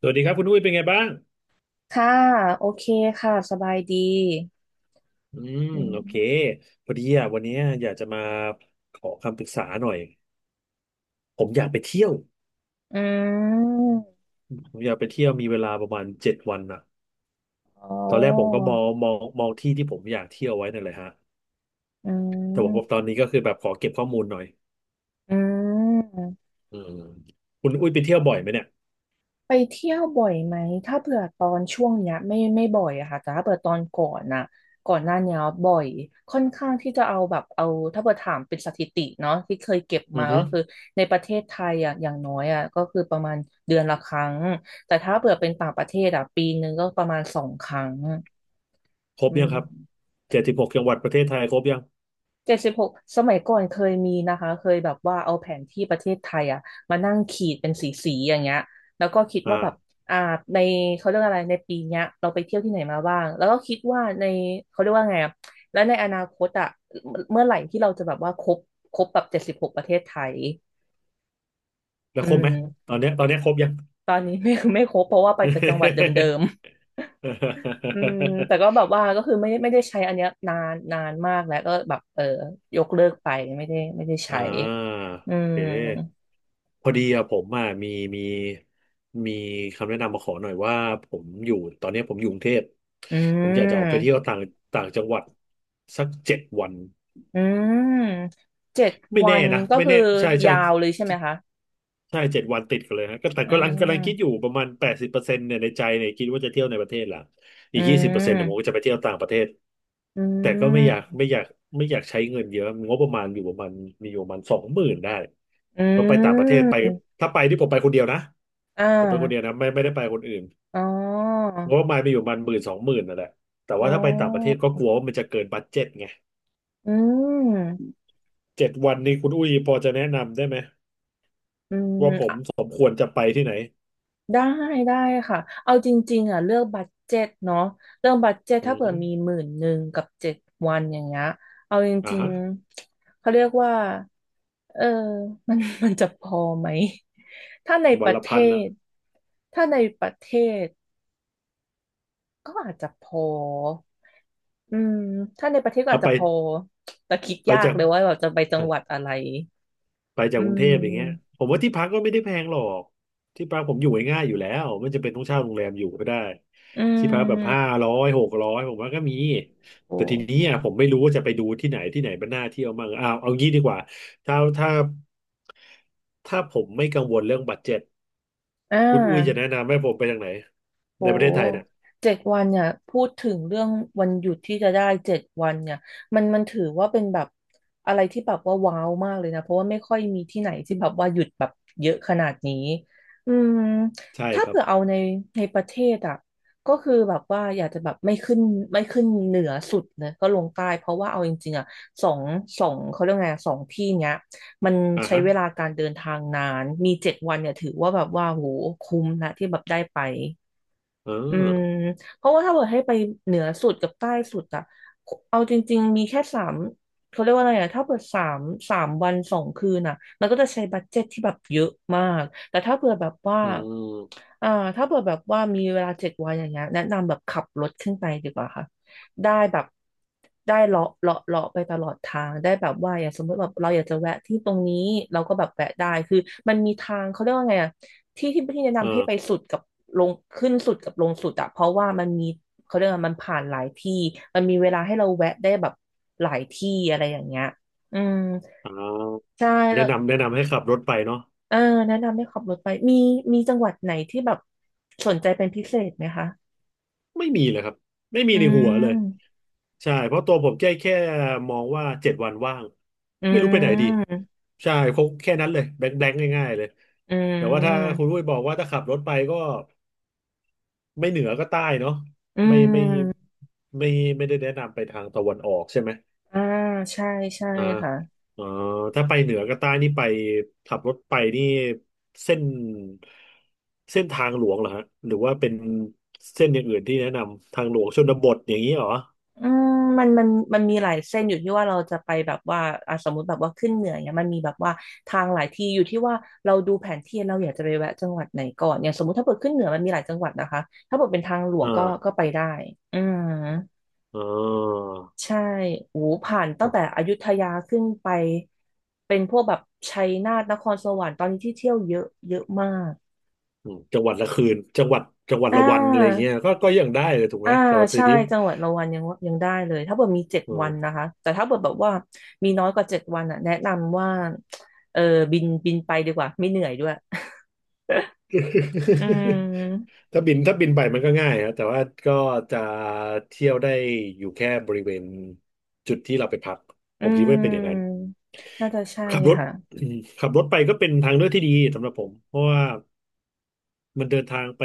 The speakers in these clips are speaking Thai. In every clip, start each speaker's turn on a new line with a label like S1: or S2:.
S1: สวัสดีครับคุณอุ้ยเป็นไงบ้าง
S2: ค่ะโอเคค่ะสบายดี
S1: อืม
S2: อื
S1: โอเค
S2: ม
S1: พอดีอ่ะวันนี้อยากจะมาขอคำปรึกษาหน่อยผมอยากไปเที่ยว
S2: อืม
S1: ผมอยากไปเที่ยวมีเวลาประมาณเจ็ดวันอ่ะ
S2: อ๋อ
S1: ตอนแรกผมก็มองมองที่ที่ผมอยากเที่ยวไว้นั่นแหละฮะ
S2: อื
S1: แต่ว่าตอ
S2: ม
S1: นนี้ก็คือแบบขอเก็บข้อมูลหน่อย
S2: อืม
S1: อืมคุณอุ้ยไปเที่ยวบ่อยไหมเนี่ย
S2: ไปเที่ยวบ่อยไหมถ้าเผื่อตอนช่วงเนี้ยไม่บ่อยอะค่ะแต่ถ้าเผื่อตอนก่อนน่ะก่อนหน้าเนี้ยบ่อยค่อนข้างที่จะเอาแบบเอาถ้าเผื่อถามเป็นสถิติเนาะที่เคยเก็บ
S1: อื
S2: มา
S1: อฮึ
S2: ก็คือในประเทศไทยอะอย่างน้อยอะก็คือประมาณเดือนละครั้งแต่ถ้าเผื่อเป็นต่างประเทศอะปีนึงก็ประมาณสองครั้ง
S1: ครบ
S2: อื
S1: ยัง
S2: ม
S1: ครับ76จังหวัดประเทศไทยครบยัง
S2: เจ็ดสิบหกสมัยก่อนเคยมีนะคะเคยแบบว่าเอาแผนที่ประเทศไทยอะมานั่งขีดเป็นสีสีอย่างเงี้ยแล้วก็คิด
S1: อ่า
S2: ว่าแบบอ่าในเขาเรียกอะไรในปีเนี้ยเราไปเที่ยวที่ไหนมาบ้างแล้วก็คิดว่าในเขาเรียกว่าไงอะแล้วในอนาคตอะเมื่อไหร่ที่เราจะแบบว่าครบครบแบบเจ็ดสิบหกประเทศไทย
S1: แล้ว
S2: อื
S1: ครบไหม
S2: ม
S1: ตอนเนี้ยครบยัง
S2: ตอนนี้ไม่ ไม่ครบเพราะว่าไปแต่จังหวัดเดิม อืมแต่ก็ แบบว่าก็คือไม่ได้ใช้อันเนี้ยนานนานมากแล้วก็แบบเออยกเลิกไปไม่ได้
S1: อ่า
S2: ใช้อื
S1: โอ
S2: ม
S1: เคพอดีอะผมอะมีมีคำแนะนำมาขอหน่อยว่าผมอยู่ตอนนี้ผมอยู่กรุงเทพ
S2: อื
S1: ผมอยากจะออกไปเที่
S2: ม
S1: ยวต่างต่างจังหวัดสักเจ็ดวัน
S2: อืมเจ็ด
S1: ไม่
S2: วั
S1: แน่
S2: น
S1: นะ
S2: ก็
S1: ไม่
S2: คื
S1: แน่
S2: อ
S1: ใช่ใช่
S2: ยาวเลยใช่ไหมคะ
S1: ใช่7 วันติดกันเลยฮะก็แต่
S2: อื
S1: ก็กำลังคิดอยู่
S2: ม
S1: ประมาณ80%เนี่ยในใจเนี่ยคิดว่าจะเที่ยวในประเทศละ
S2: อื
S1: อีก20%เนี่ยผมก็
S2: ม
S1: จะไปเที่ยวต่างประเทศ
S2: อื
S1: แต่ก็ไม่อยาก
S2: ม
S1: ไม่อยากไม่อยากใช้เงินเยอะงบประมาณอยู่ประมาณมีอยู่ประมาณสองหมื่นได้
S2: อื
S1: ก็ไปต่างประเทศไป
S2: ม
S1: ถ้าไปที่ผมไปคนเดียวนะ
S2: อ่
S1: ผมไปคนเดียว
S2: า
S1: นะไม่ได้ไปคนอื่น
S2: อ๋อ
S1: งบประมาณมีอยู่ประมาณหมื่นสองหมื่นนั่นแหละแต่
S2: อ๋
S1: ว่าถ้าไปต่างประเทศ
S2: อ
S1: ก็กลัวว่ามันจะเกินบัดเจ็ตไง
S2: อืม
S1: เจ็ดวันนี้คุณอุ้ยพอจะแนะนำได้ไหม
S2: อืม
S1: ว่าผมสมควรจะไปที่ไหน
S2: ได้ได้ค่ะเอาจริงๆอ่ะเลือกบัดเจ็ตเนาะเรื่องบัดเจ็ต
S1: อื
S2: ถ้า
S1: อ
S2: เผื่
S1: ฮึ
S2: อมีหมื่นหนึ่งกับเจ็ดวันอย่างเงี้ยเอาจ
S1: อ่า
S2: ริง
S1: ฮะ
S2: ๆเขาเรียกว่าเออ มันมันจะพอไหมถ้าในป
S1: วัน
S2: ระ
S1: ละ
S2: เท
S1: พันนะ
S2: ศถ้าในประเทศก็อาจจะพออืมถ้าในประเทศก็
S1: เอา
S2: อาจ
S1: ไป
S2: จะพอแต่คิด
S1: ไป
S2: ยาก
S1: จาก
S2: เลยว่าเราจะไปจังหวัดอะไร
S1: ไปจา
S2: อื
S1: กกรุงเทพอย่างเงี้ย
S2: ม
S1: ผมว่าที่พักก็ไม่ได้แพงหรอกที่พักผมอยู่ง่ายๆอยู่แล้วไม่จำเป็นต้องเช่าโรงแรมอยู่ก็ได้
S2: อื
S1: ที่พักแบบห้า
S2: ม
S1: ร้อยหกร้อยผมว่าก็มี
S2: โอ
S1: แต่ทีนี้
S2: ้
S1: อ่ะผมไม่รู้ว่าจะไปดูที่ไหนที่ไหนมันน่าเที่ยวมั่งอ้าวเอางี้ดีกว่าถ้าถ้าถ้าผมไม่กังวลเรื่องบัดเจ็ต
S2: อ่
S1: คุณอุ้ยจะ
S2: า
S1: แนะนำให้ผมไปทางไหน
S2: โอ้
S1: ในประเทศไทยเนี่ย
S2: เจ็ดวันเนี่ยพูดถึงเรื่องวันหยุดที่จะได้เจ็ดวันเนี่ยมันถือว่าเป็นแบบอะไรที่แบบว่าว้าวมากเลยนะเพราะว่าไม่ค่อยมีที่ไหนที่แบบว่าหยุดแบบเยอะขนาดนี้อืม
S1: ใช่
S2: ถ้า
S1: ครับ
S2: เผื่อเอาในในประเทศอ่ะก็คือแบบว่าอยากจะแบบไม่ขึ้นเหนือสุดนะก็ลงใต้เพราะว่าเอาจริงๆอ่ะสองสองเขาเรียกไงสองที่เนี้ยมัน
S1: อ่า
S2: ใช้
S1: ฮะ
S2: เวลาการเดินทางนานมีเจ็ดวันเนี่ยถือว่าแบบว่าโหคุ้มนะที่แบบได้ไป
S1: อ่
S2: อืม
S1: า
S2: เพราะว่าถ้าเกิดให้ไปเหนือสุดกับใต้สุดอะเอาจริงๆมีแค่สามเขาเรียกว่าอะไรอะถ้าเปิดสามสามวันสองคืนอะมันก็จะใช้บัดเจ็ตที่แบบเยอะมากแต่ถ้าเผื่อแบบว่า
S1: อืม
S2: อ่าถ้าเผื่อแบบว่ามีเวลาเจ็ดวันอย่างเงี้ยแนะนำแบบขับรถขึ้นไปดีกว่าค่ะได้แบบได้เลาะเลาะเลาะไปตลอดทางได้แบบว่าอย่างสมมติแบบเราอยากจะแวะที่ตรงนี้เราก็แบบแวะได้คือมันมีทางเขาเรียกว่าไงอะ ที่ที่แนะ
S1: อ่
S2: นำให้ไป
S1: า
S2: สุดกับลงขึ้นสุดกับลงสุดอะเพราะว่ามันมีเขาเรียกว่ามันผ่านหลายที่มันมีเวลาให้เราแวะได้แบบหลายที่อะไรอย่างเงี้ยอืม
S1: อ๋อ
S2: ใช่แล้
S1: แนะ
S2: ว
S1: นำแนะนำให้ขับรถไปเนาะ
S2: เออแนะนำให้ขับรถไปมีมีจังหวัดไหนที่แบบสนใจเป็นพิเศษไหมคะ
S1: ไม่มีเลยครับไม่มี
S2: อื
S1: ในหัวเลย
S2: ม
S1: ใช่เพราะตัวผมแค่มองว่าเจ็ดวันว่าง
S2: อื
S1: ไม่รู้ไปไหนดี
S2: ม
S1: ใช่คงแค่นั้นเลยแบงค์แบงค์ง่ายๆเลย
S2: อื
S1: แต่ว่าถ้า
S2: ม
S1: คุณลุยบอกว่าถ้าขับรถไปก็ไม่เหนือก็ใต้เนาะ
S2: อื
S1: ไม่ไม่
S2: ม
S1: ไม่ไม่ได้แนะนำไปทางตะวันออกใช่ไหม
S2: อ่าใช่ใช่
S1: อ่า
S2: ค่ะ
S1: เอ๋อถ้าไปเหนือกับใต้นี่ไปขับรถไปนี่เส้นเส้นทางหลวงเหรอฮะหรือว่าเป็นเส้นอย่างอื่นที่แนะนำทางหลวงชนบทอย่างนี้เหรอ
S2: อืมมันมันมันมีหลายเส้นอยู่ที่ว่าเราจะไปแบบว่าอ่ะสมมติแบบว่าขึ้นเหนือเนี่ยมันมีแบบว่าทางหลายที่อยู่ที่ว่าเราดูแผนที่เราอยากจะไปแวะจังหวัดไหนก่อนเนี่ยสมมติถ้าเปิดขึ้นเหนือมันมีหลายจังหวัดนะคะถ้าเปิดเป็นทางหลว
S1: อ่
S2: งก็ก็
S1: า
S2: ไปได้อืม
S1: เอ๋อ
S2: ใช่โอ้ผ่านตั้งแต่อยุธยาขึ้นไปเป็นพวกแบบชัยนาทนครสวรรค์ตอนนี้ที่เที่ยวเยอะเยอะมาก
S1: อืมจังหวัดละคืนจังหวัด
S2: อ่
S1: ละวันอะไร
S2: า
S1: เงี้ยก็ยังได้เลยถูกไหม
S2: อ่า
S1: สำหรับซี
S2: ใช่
S1: ดิฟ
S2: จังหวัดละวันยังยังได้เลยถ้าเกิดมีเจ็ด
S1: เอ
S2: วันนะ
S1: อ
S2: คะแต่ถ้าเกิดแบบว่ามีน้อยกว่าเจ็ดวันอ่ะแนะนำว่าเออบินไปดีกว่าไม่เหนื่อยด้วย อื ม
S1: ถ้าบินไปมันก็ง่ายครับแต่ว่าก็จะเที่ยวได้อยู่แค่บริเวณจุดที่เราไปพัก
S2: อื
S1: ผมคิดว่าเป็นอย่างนั้น
S2: มน่าจะใช่
S1: ขับรถ
S2: ค่ะ
S1: อืมขับรถไปก็เป็นทางเลือกที่ดีสำหรับผมเพราะว่ามันเดินทางไป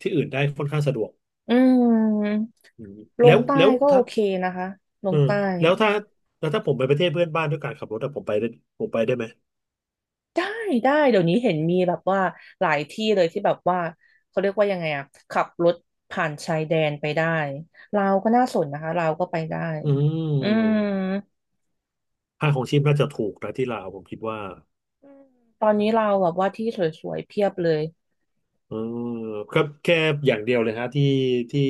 S1: ที่อื่นได้ค่อนข้างสะดวก
S2: อืม
S1: อืม
S2: ล
S1: แล้
S2: ง
S1: ว
S2: ใต้
S1: แล้ว
S2: ก็โอ
S1: ถ้า
S2: เคนะคะล
S1: เออ
S2: งใต้
S1: แล้วถ้าแล้วถ้าผมไปประเทศเพื่อนบ้านด้วยการขับรถอะผมไปได้ไหม
S2: ได้ได้เดี๋ยวนี้เห็นมีแบบว่าหลายที่เลยที่แบบว่าเขาเรียกว่ายังไงอ่ะขับรถผ่านชายแดนไปได้ลาวก็น่าสนนะคะลาวก็ไปได้
S1: อื
S2: อืม
S1: มค่าของชีพน่าจะถูกนะที่ลาวผมคิดว่า
S2: อืมตอนนี้เราแบบว่าที่สวยๆเพียบเลย
S1: เออครับแค่อย่างเดียวเลยฮะที่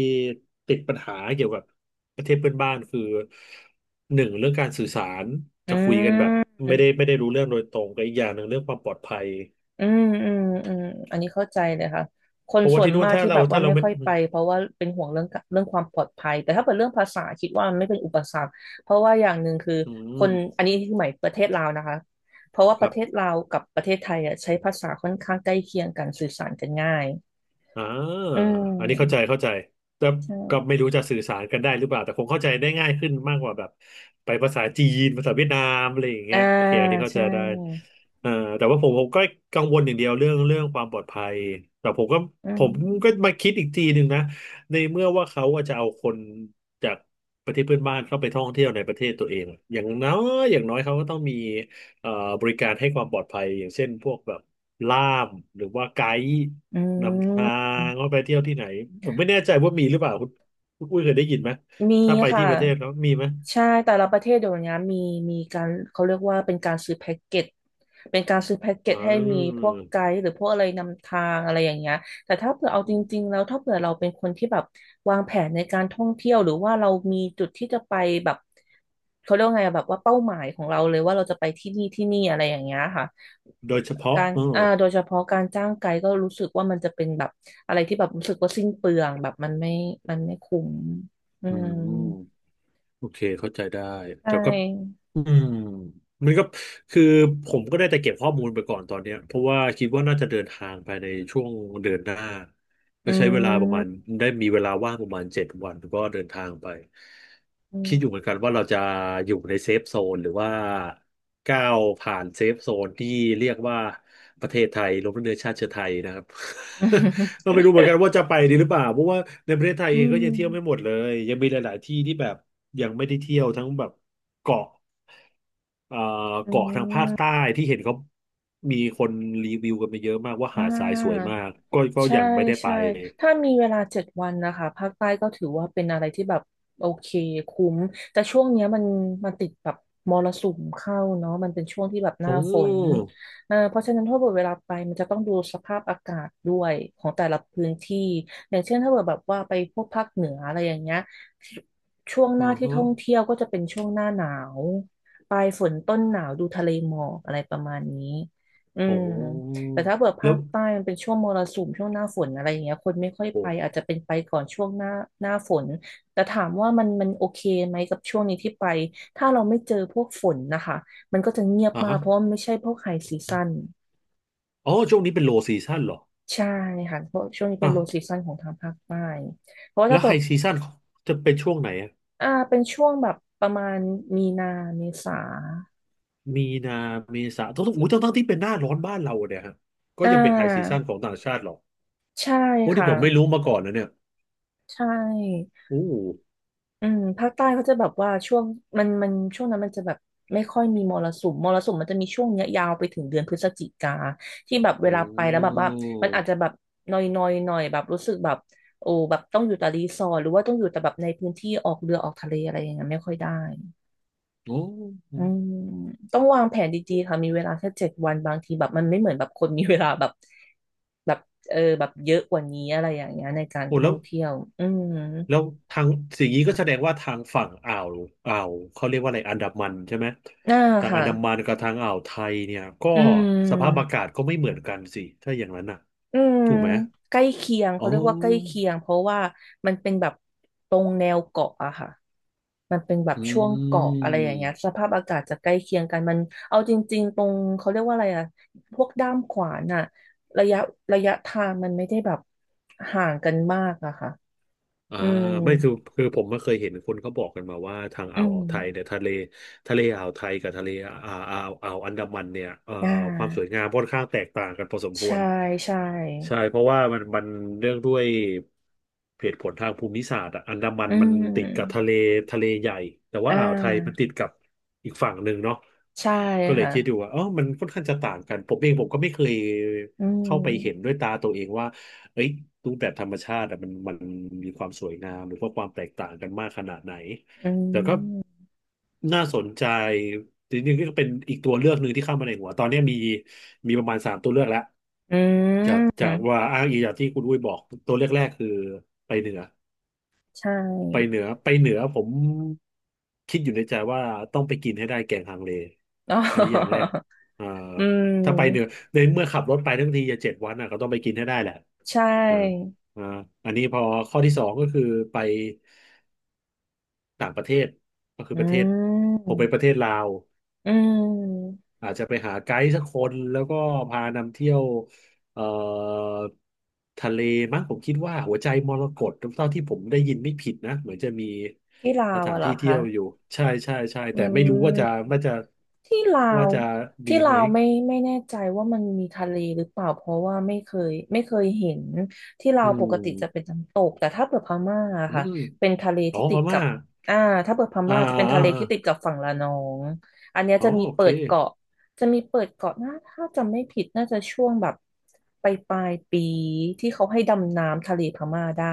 S1: ติดปัญหาเกี่ยวกับประเทศเพื่อนบ้านคือหนึ่งเรื่องการสื่อสาร
S2: อื
S1: จะคุยกันแบบ
S2: ม
S1: ไม่ได้รู้เรื่องโดยตรงกับอีกอย่างหนึ่งเรื่องความปลอดภัย
S2: อืมอืมอืมอันนี้เข้าใจเลยค่ะค
S1: เพ
S2: น
S1: ราะว่า
S2: ส่วน
S1: ที่นู่น
S2: มาก
S1: ถ้า
S2: ที่แบ
S1: เรา
S2: บว่า
S1: ถ้าเรา
S2: ไม่
S1: ไม่
S2: ค่อย
S1: อื
S2: ไป
S1: ม
S2: เพราะว่าเป็นห่วงเรื่องความปลอดภัยแต่ถ้าเป็นเรื่องภาษาคิดว่ามันไม่เป็นอุปสรรคเพราะว่าอย่างหนึ่งคือ
S1: อื
S2: คน
S1: ม
S2: อันนี้ที่หมายประเทศลาวนะคะเพราะว่าป
S1: ค
S2: ระ
S1: รับ
S2: เทศลาวกับประเทศไทยอ่ะใช้ภาษาค่อนข้างใกล้เคียงกันสื่อสารกันง่าย
S1: อ่า
S2: อื
S1: อันนี้เข้าใจ
S2: ม
S1: เข้าใจแต่
S2: ใ
S1: ก็
S2: ช่
S1: ไม่รู้จะสื่อสารกันได้หรือเปล่าแต่คงเข้าใจได้ง่ายขึ้นมากกว่าแบบไปภาษาจีนภาษาเวียดนามอะไรอย่าง
S2: อ่า
S1: เงี้ยโอเคอันนี้เข้าใจ
S2: ใช่
S1: ได้เอ่อแต่ว่าผมก็กังวลอย่างเดียวเรื่องความปลอดภัยแต่ผมก็
S2: อื
S1: ผมก็
S2: ม
S1: มาคิดอีกทีหนึ่งนะในเมื่อว่าเขาว่าจะเอาคนจากประเทศเพื่อนบ้านเข้าไปท่องเที่ยวในประเทศตัวเองอย่างน้ออย่างน้อยเขาก็ต้องมีเอ่อบริการให้ความปลอดภัยอย่างเช่นพวกแบบล่ามหรือว่าไกด์
S2: อื
S1: นำทาง
S2: ม
S1: ว่าไปเที่ยวที่ไหนผมไม่แน่ใจว่ามีหรือเปล่าคุณอุ้ยเคยได้ยินไหม
S2: มี
S1: ถ้าไป
S2: ค่ะ
S1: ที่ประเทศแล้วมีไหม
S2: ใช่แต่ละประเทศเดี๋ยวนี้มีมีการเขาเรียกว่าเป็นการซื้อแพ็กเกจเป็นการซื้อแพ็กเก
S1: อ๋
S2: จให้มีพ
S1: อ
S2: วกไกด์หรือพวกอะไรนำทางอะไรอย่างเงี้ยแต่ถ้าเผื่อเอาจริงๆแล้วถ้าเผื่อเราเป็นคนที่แบบวางแผนในการท่องเที่ยวหรือว่าเรามีจุดที่จะไปแบบเขาเรียกว่าไงอะแบบว่าเป้าหมายของเราเลยว่าเราจะไปที่นี่ที่นี่อะไรอย่างเงี้ยค่ะ
S1: โดยเฉพาะ
S2: การ
S1: อ๋อ
S2: โดยเฉพาะการจ้างไกด์ก็รู้สึกว่ามันจะเป็นแบบอะไรที่แบบรู้สึกว่าสิ้นเปลืองแบบมันไม่มันไม่คุ้ม อื
S1: อื
S2: ม
S1: มโอเคเข้าใจได้
S2: ใช
S1: แต่ก็
S2: ่
S1: อืมมันก็คือผมก็ได้แต่เก็บข้อมูลไปก่อนตอนเนี้ยเพราะว่าคิดว่าน่าจะเดินทางไปในช่วงเดือนหน้า
S2: อื
S1: ก็ใช้เวลาประมาณ
S2: ม
S1: ได้มีเวลาว่างประมาณเจ็ดวันก็เดินทางไป
S2: อื
S1: คิดอยู่เหมือน
S2: ม
S1: กันว่าเราจะอยู่ในเซฟโซนหรือว่าก้าวผ่านเซฟโซนที่เรียกว่าประเทศไทยรวมทั้งเนื้อชาติเชื้อไทยนะครับ ก็ไม่รู้เหมือนกันว่าจะไปดีหรือเปล่าเพราะว่าในประเทศไทย
S2: อื
S1: เองก็
S2: ม
S1: ยังเที่ยวไม่หมดเลยยังมีหลายๆที่ที่แบบยังไม่ได้เที่ยวทั้งแบบเกาะ เอ่อ
S2: อื
S1: เกาะทางภาคใต้
S2: ม
S1: ที่เห็นเขา มีคนรีวิวกันมาเยอะมากว่า
S2: อ่า
S1: หาดทรายสวยมากก็
S2: ใช่
S1: ยังไม่ได้ไป
S2: ใช่ถ้ามีเวลาเจ็ดวันนะคะภาคใต้ก็ถือว่าเป็นอะไรที่แบบโอเคคุ้มแต่ช่วงเนี้ยมันติดแบบมรสุมเข้าเนาะมันเป็นช่วงที่แบบหน้า
S1: โอ้
S2: ฝนเพราะฉะนั้นถ้าเกิดเวลาไปมันจะต้องดูสภาพอากาศด้วยของแต่ละพื้นที่อย่างเช่นถ้าเกิดแบบว่าไปพวกภาคเหนืออะไรอย่างเงี้ยช่วงห
S1: อื
S2: น้า
S1: อ
S2: ที่ท่อ
S1: ฮะ
S2: งเที่ยวก็จะเป็นช่วงหน้าหนาวปลายฝนต้นหนาวดูทะเลหมอกอะไรประมาณนี้อื
S1: โอ้
S2: ม แต่ถ้าเบิด
S1: แล้
S2: ภา
S1: ว
S2: คใต้มันเป็นช่วงมรสุมช่วงหน้าฝนอะไรอย่างเงี้ยคนไม่ค่อย
S1: โอ้
S2: ไปอาจจะเป็นไปก่อนช่วงหน้าหน้าฝนแต่ถามว่ามันโอเคไหมกับช่วงนี้ที่ไปถ้าเราไม่เจอพวกฝนนะคะมันก็จะเงียบ
S1: อ่า
S2: มาก
S1: ฮะ
S2: เพราะว่ามันไม่ใช่พวกไฮซีซั่น
S1: อ๋อช่วงนี้เป็นโลซีซั่นเหรอ
S2: ใช่ค่ะเพราะช่วงนี้เป็
S1: อ่า
S2: นโล
S1: ว
S2: ซีซั่นของทางภาคใต้เพราะว่า
S1: แล้
S2: ถ้า
S1: ว
S2: แบ
S1: ไฮ
S2: บ
S1: ซีซั่นจะเป็นช่วงไหนอะ
S2: อ่าเป็นช่วงแบบประมาณมีนาเมษา
S1: มีนาเมษาต้องอู้ทั้งที่เป็นหน้าร้อนบ้านเราเนี่ยฮะก็
S2: อ่
S1: ยังเป็นไฮซีซั่
S2: า
S1: นของต่างชาติเหรอ
S2: ใช่
S1: โอ้ที่
S2: ค่ะ
S1: ผมไม่รู้มาก่อนนะเนี่ย
S2: ใช่
S1: โอ้
S2: อืมภาคใต้เขาจะแบบว่าช่วงมันมันช่วงนั้นมันจะแบบไม่ค่อยมีมรสุมมรสุมมันจะมีช่วงเนี้ยยาวไปถึงเดือนพฤศจิกาที่แบบเวลา
S1: โอ้
S2: ไปแล้วแบบว่ามันอาจจะแบบนอยนอยหน่อยแบบรู้สึกแบบโอ้แบบต้องอยู่แต่รีสอร์ทหรือว่าต้องอยู่แต่แบบในพื้นที่ออกเรือออกทะเลอะไรอย่างเงี้ยไม่ค่อยได้
S1: โอ้โห
S2: อื
S1: โอ้
S2: มต้องวางแผนดีๆค่ะมีเวลาแค่เจ็ดวันบางทีแบบมันไม่เหมือนแบบคนมีเวลาแบบแบบเออแบบเยอะกว่านี้อะไรอย่างเงี้ยในการ
S1: โห
S2: ท่อ
S1: แล้
S2: ง
S1: ว
S2: เที่ยวอืม
S1: แล้วทางสิ่งนี้ก็แสดงว่าทางฝั่งอ่าวเขาเรียกว่าอะไรอันดามันใช่ไหม
S2: น่า
S1: ทางอั
S2: ค่ะ
S1: นดามันกับทางอ่าวไทยเนี่ยก็
S2: อื
S1: สภาพอากา
S2: ม
S1: ศก็ไม่เหมือนกันสิถ้าอย่างนั้นน่ะ
S2: อืม
S1: ถูกไหม
S2: ใกล้เคียงเขา
S1: อ๋อ
S2: เรียกว่าใกล้เคียงเพราะว่ามันเป็นแบบตรงแนวเกาะอะค่ะมันเป็นแบบ
S1: อื
S2: ช่วงเกาะอะไรอย่างเงี้ย
S1: ม
S2: สภาพอากาศจะใกล้เคียงกันมันเอาจริงๆตรงเขาเรียกว่าอะไรอะพวกด้ามขวานอะระยะระยะทางมันไม่ได้แบบห่างกันมากอะค่ะ
S1: อ่า
S2: อืม
S1: ไม่คือผมไม่เคยเห็นคนเขาบอกกันมาว่าทาง
S2: อื
S1: อ่าว
S2: ม
S1: ไทยเนี่ยทะเลอ่าวไทยกับทะเลอ่าวอันดามันเนี่ย
S2: อ่
S1: ความสวย
S2: า
S1: งามค่อนข้างแตกต่างกันพอสมคว
S2: ใช่
S1: ร
S2: ใช่
S1: ใช่เพราะว่ามันเรื่องด้วยเหตุผลทางภูมิศาสตร์อะอันดามัน
S2: อื
S1: มันติดกับทะ
S2: ม
S1: เลใหญ่แต่ว่า
S2: อ่
S1: อ่าวไทยมัน
S2: า
S1: ติดกับอีกฝั่งหนึ่งเนาะ
S2: ใช่
S1: ก็เลย
S2: ค่ะ
S1: คิดอยู่ว่าอ๋อมันค่อนข้างจะต่างกันผมเองก็ไม่เคย
S2: อื
S1: เข้าไปเห็น
S2: ม
S1: ด้วยตาตัวเองว่าเอ้ยรูปแบบธรรมชาติอะมันมีความสวยงามหรือว่าความแตกต่างกันมากขนาดไหน
S2: อื
S1: แต่ก็
S2: ม
S1: น่าสนใจจริงๆก็เป็นอีกตัวเลือกหนึ่งที่เข้ามาในหัวตอนนี้มีประมาณ3 ตัวเลือกแล้ว
S2: อื
S1: จาก
S2: ม
S1: ว่าอ้างอิงจากที่คุณอุ้ยบอกตัวเลือกแรกคือไปเหนือ
S2: ใช่
S1: ไปเหนือผมคิดอยู่ในใจว่าต้องไปกินให้ได้แกงฮังเล
S2: อ๋อ
S1: อันนี้อย่างแรกอ่า
S2: อื
S1: ถ้าไปเหนือ
S2: ม
S1: ในเมื่อขับรถไปทั้งทีจะเจ็ดวันอ่ะก็ต้องไปกินให้ได้แหละ
S2: ใช
S1: อ่า
S2: ่
S1: อ่าอันนี้พอข้อที่สองก็คือไป ต่างประเทศก็คื
S2: อื
S1: อประเทศผม
S2: ม
S1: ไปประเทศลาว
S2: อืม
S1: อาจจะไปหาไกด์สักคนแล้วก็พานำเที่ยวเอ่อทะเลมั้งผมคิดว่าหัวใจมรกตเท่าที่ผมได้ยินไม่ผิดนะเหมือนจะมี
S2: ที่ลา
S1: ส
S2: ว
S1: ถา
S2: อะ
S1: น
S2: เหรอ
S1: ที่เที่
S2: คะ
S1: ยวอยู่ใช่ใช่ใช่
S2: อื
S1: แต่ไม่รู้
S2: ม
S1: ว่าจะ
S2: ที่ลา
S1: ว่า
S2: ว
S1: จะ
S2: ที่
S1: ดี
S2: ลา
S1: ไหม
S2: วไม่ไม่แน่ใจว่ามันมีทะเลหรือเปล่าเพราะว่าไม่เคยเห็นที่ลา
S1: อื
S2: วปกติจะเป็น
S1: ม
S2: น้ำตกแต่ถ้าเปิดพม่าอะ
S1: อื
S2: ค่ะ
S1: ม
S2: เป็นทะเล
S1: อ๋อ
S2: ที่
S1: พ
S2: ติดกั
S1: ม่า
S2: บอ่าถ้าเปิดพ
S1: อ่า
S2: ม่าจะ
S1: อ่า
S2: เป็น
S1: อ
S2: ทะเลที่ติด
S1: า
S2: กับฝั่งระนองอันเนี้ย
S1: อ๋อ
S2: จะมี
S1: โอ
S2: เปิ
S1: เค
S2: ดเกาะจะมีเปิดเกาะนะถ้าจำไม่ผิดน่าจะช่วงแบบปลายปีที่เขาให้ดำน้ำทะเลพม่าได้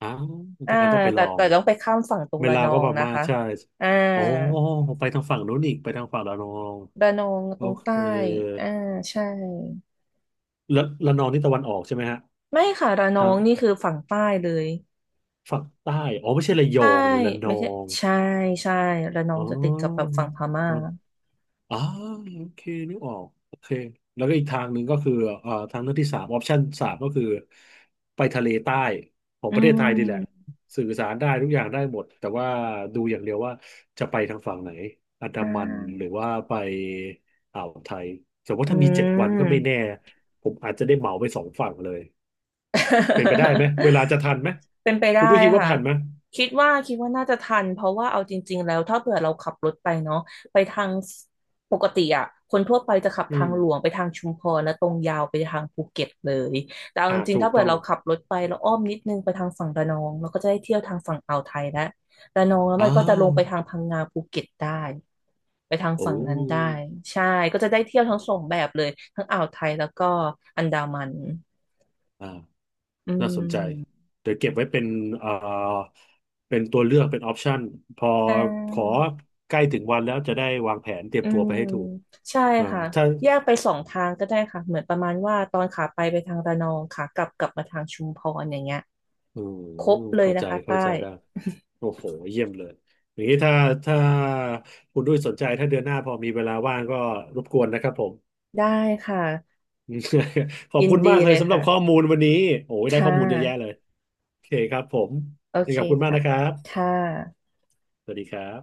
S1: อ้าว
S2: อ่า
S1: ทางการต้องไป
S2: แต่
S1: ลอ
S2: แต่
S1: ง
S2: ต้องไปข้ามฝั่งตรง
S1: เว
S2: ระ
S1: ลา
S2: น
S1: ว
S2: อ
S1: ก็
S2: ง
S1: พ
S2: นะ
S1: ม่า
S2: คะ
S1: ใช่
S2: อ่า
S1: อ๋อ ไปทางฝั่งนู้นอีก ไปทางฝั่งระนอง
S2: ระนอง
S1: โอ
S2: ตรง
S1: เค
S2: ใต้ อ่า ใช่
S1: ระนองนี่ตะวันออกใช่ไหมฮะ
S2: ไม่ค่ะระน
S1: ทา
S2: อ
S1: ง
S2: งนี่คือฝั่งใต้เลย
S1: ฝั่งใต้ อ๋อ ไม่ใช่ระยอ
S2: ใต้
S1: งนี่ระน
S2: ไม่
S1: อ
S2: ใช่
S1: ง
S2: ใช่ใช่ระนอ
S1: อ๋
S2: งจะติดกับแบบ
S1: อ
S2: ฝั่งพม่า
S1: อ่าโอเคนึกออกโอเคแล้วก็อีกทางหนึ่งก็คือทางเลือกที่สามออปชันสามก็คือไปทะเลใต้ของ
S2: อื
S1: ประเทศไทยนี่แหละ
S2: ม
S1: สื่อสารได้ทุกอย่างได้หมดแต่ว่าดูอย่างเดียวว่าจะไปทางฝั่งไหนอันดา
S2: อ่
S1: มันหรือ
S2: า
S1: ว่าไปอ่าวไทยแต่ว่า
S2: อื
S1: ถ้ามีเจ็ดวันก็ไม่แน่
S2: ม
S1: ผมอาจจะได้เหมาไป2 ฝั่งเลยเป็นไปได้ไหมเวลา จะทันไหม
S2: เป็นไป
S1: คุณ
S2: ได้
S1: ด้วยคิดว่า
S2: ค่ะ
S1: ผ่านไหม
S2: คิดว่าคิดว่าน่าจะทันเพราะว่าเอาจริงๆแล้วถ้าเผื่อเราขับรถไปเนาะไปทางปกติอะคนทั่วไปจะขับ
S1: อื
S2: ทา
S1: ม
S2: งหลวงไปทางชุมพรแล้วตรงยาวไปทางภูเก็ตเลยแต่เอาจ
S1: อ่า
S2: ริงๆ
S1: ถู
S2: ถ้า
S1: ก
S2: เผื่อ
S1: ต้อง
S2: เราขับรถไปแล้วอ้อมนิดนึงไปทางฝั่งระนองเราก็จะได้เที่ยวทางฝั่งอ่าวไทยแล้วระนองแล้ว
S1: อ้า
S2: มันก็จะล
S1: ว
S2: งไปทางพังงาภูเก็ตได้ไปทาง
S1: โอ้
S2: ฝั่งนั้นได้ใช่ก็จะได้เที่ยวทั้งสองแบบเลยทั้งอ่าวไทยแล้วก็อันดามัน
S1: อ่า
S2: อื
S1: น่าสนใจ
S2: ม
S1: เดี๋ยวเก็บไว้เป็นเอ่อเป็นตัวเลือกเป็นออปชันพอ
S2: ใช
S1: ขอ
S2: ่
S1: ใกล้ถึงวันแล้วจะได้วางแผนเตรีย
S2: อื
S1: มตัวไป
S2: ม
S1: ให้ถูก
S2: ใช่
S1: อ่า
S2: ค่ะ
S1: ถ้า
S2: แยกไปสองทางก็ได้ค่ะเหมือนประมาณว่าตอนขาไปไปทางระนองขากลับกลับมาทางชุมพรอย่างเงี้ย
S1: อื
S2: คร
S1: ม
S2: บเลย
S1: เข้า
S2: นะ
S1: ใจ
S2: คะ
S1: เข้า
S2: ใต้
S1: ใจได้ โอ้โห เยี่ยมเลย อย่างนี้ถ้าถ้าคุณด้วยสนใจถ้าเดือนหน้าพอมีเวลาว่างก็รบกวนนะครับผม
S2: ได้ค่ะ
S1: ขอบ
S2: ยิน
S1: คุณมา
S2: ดี
S1: กเล
S2: เล
S1: ย
S2: ย
S1: สำหรับ
S2: ค่ะ
S1: ข้อมูลวันนี้โอ้ยได้
S2: ค่
S1: ข้อมูลเยอะแยะเล
S2: ะ
S1: ย โอเคครับผม
S2: โอ
S1: ยัง
S2: เค
S1: ไงขอบคุณมาก
S2: ค่ะ
S1: นะครับ
S2: ค่ะ
S1: สวัสดีครับ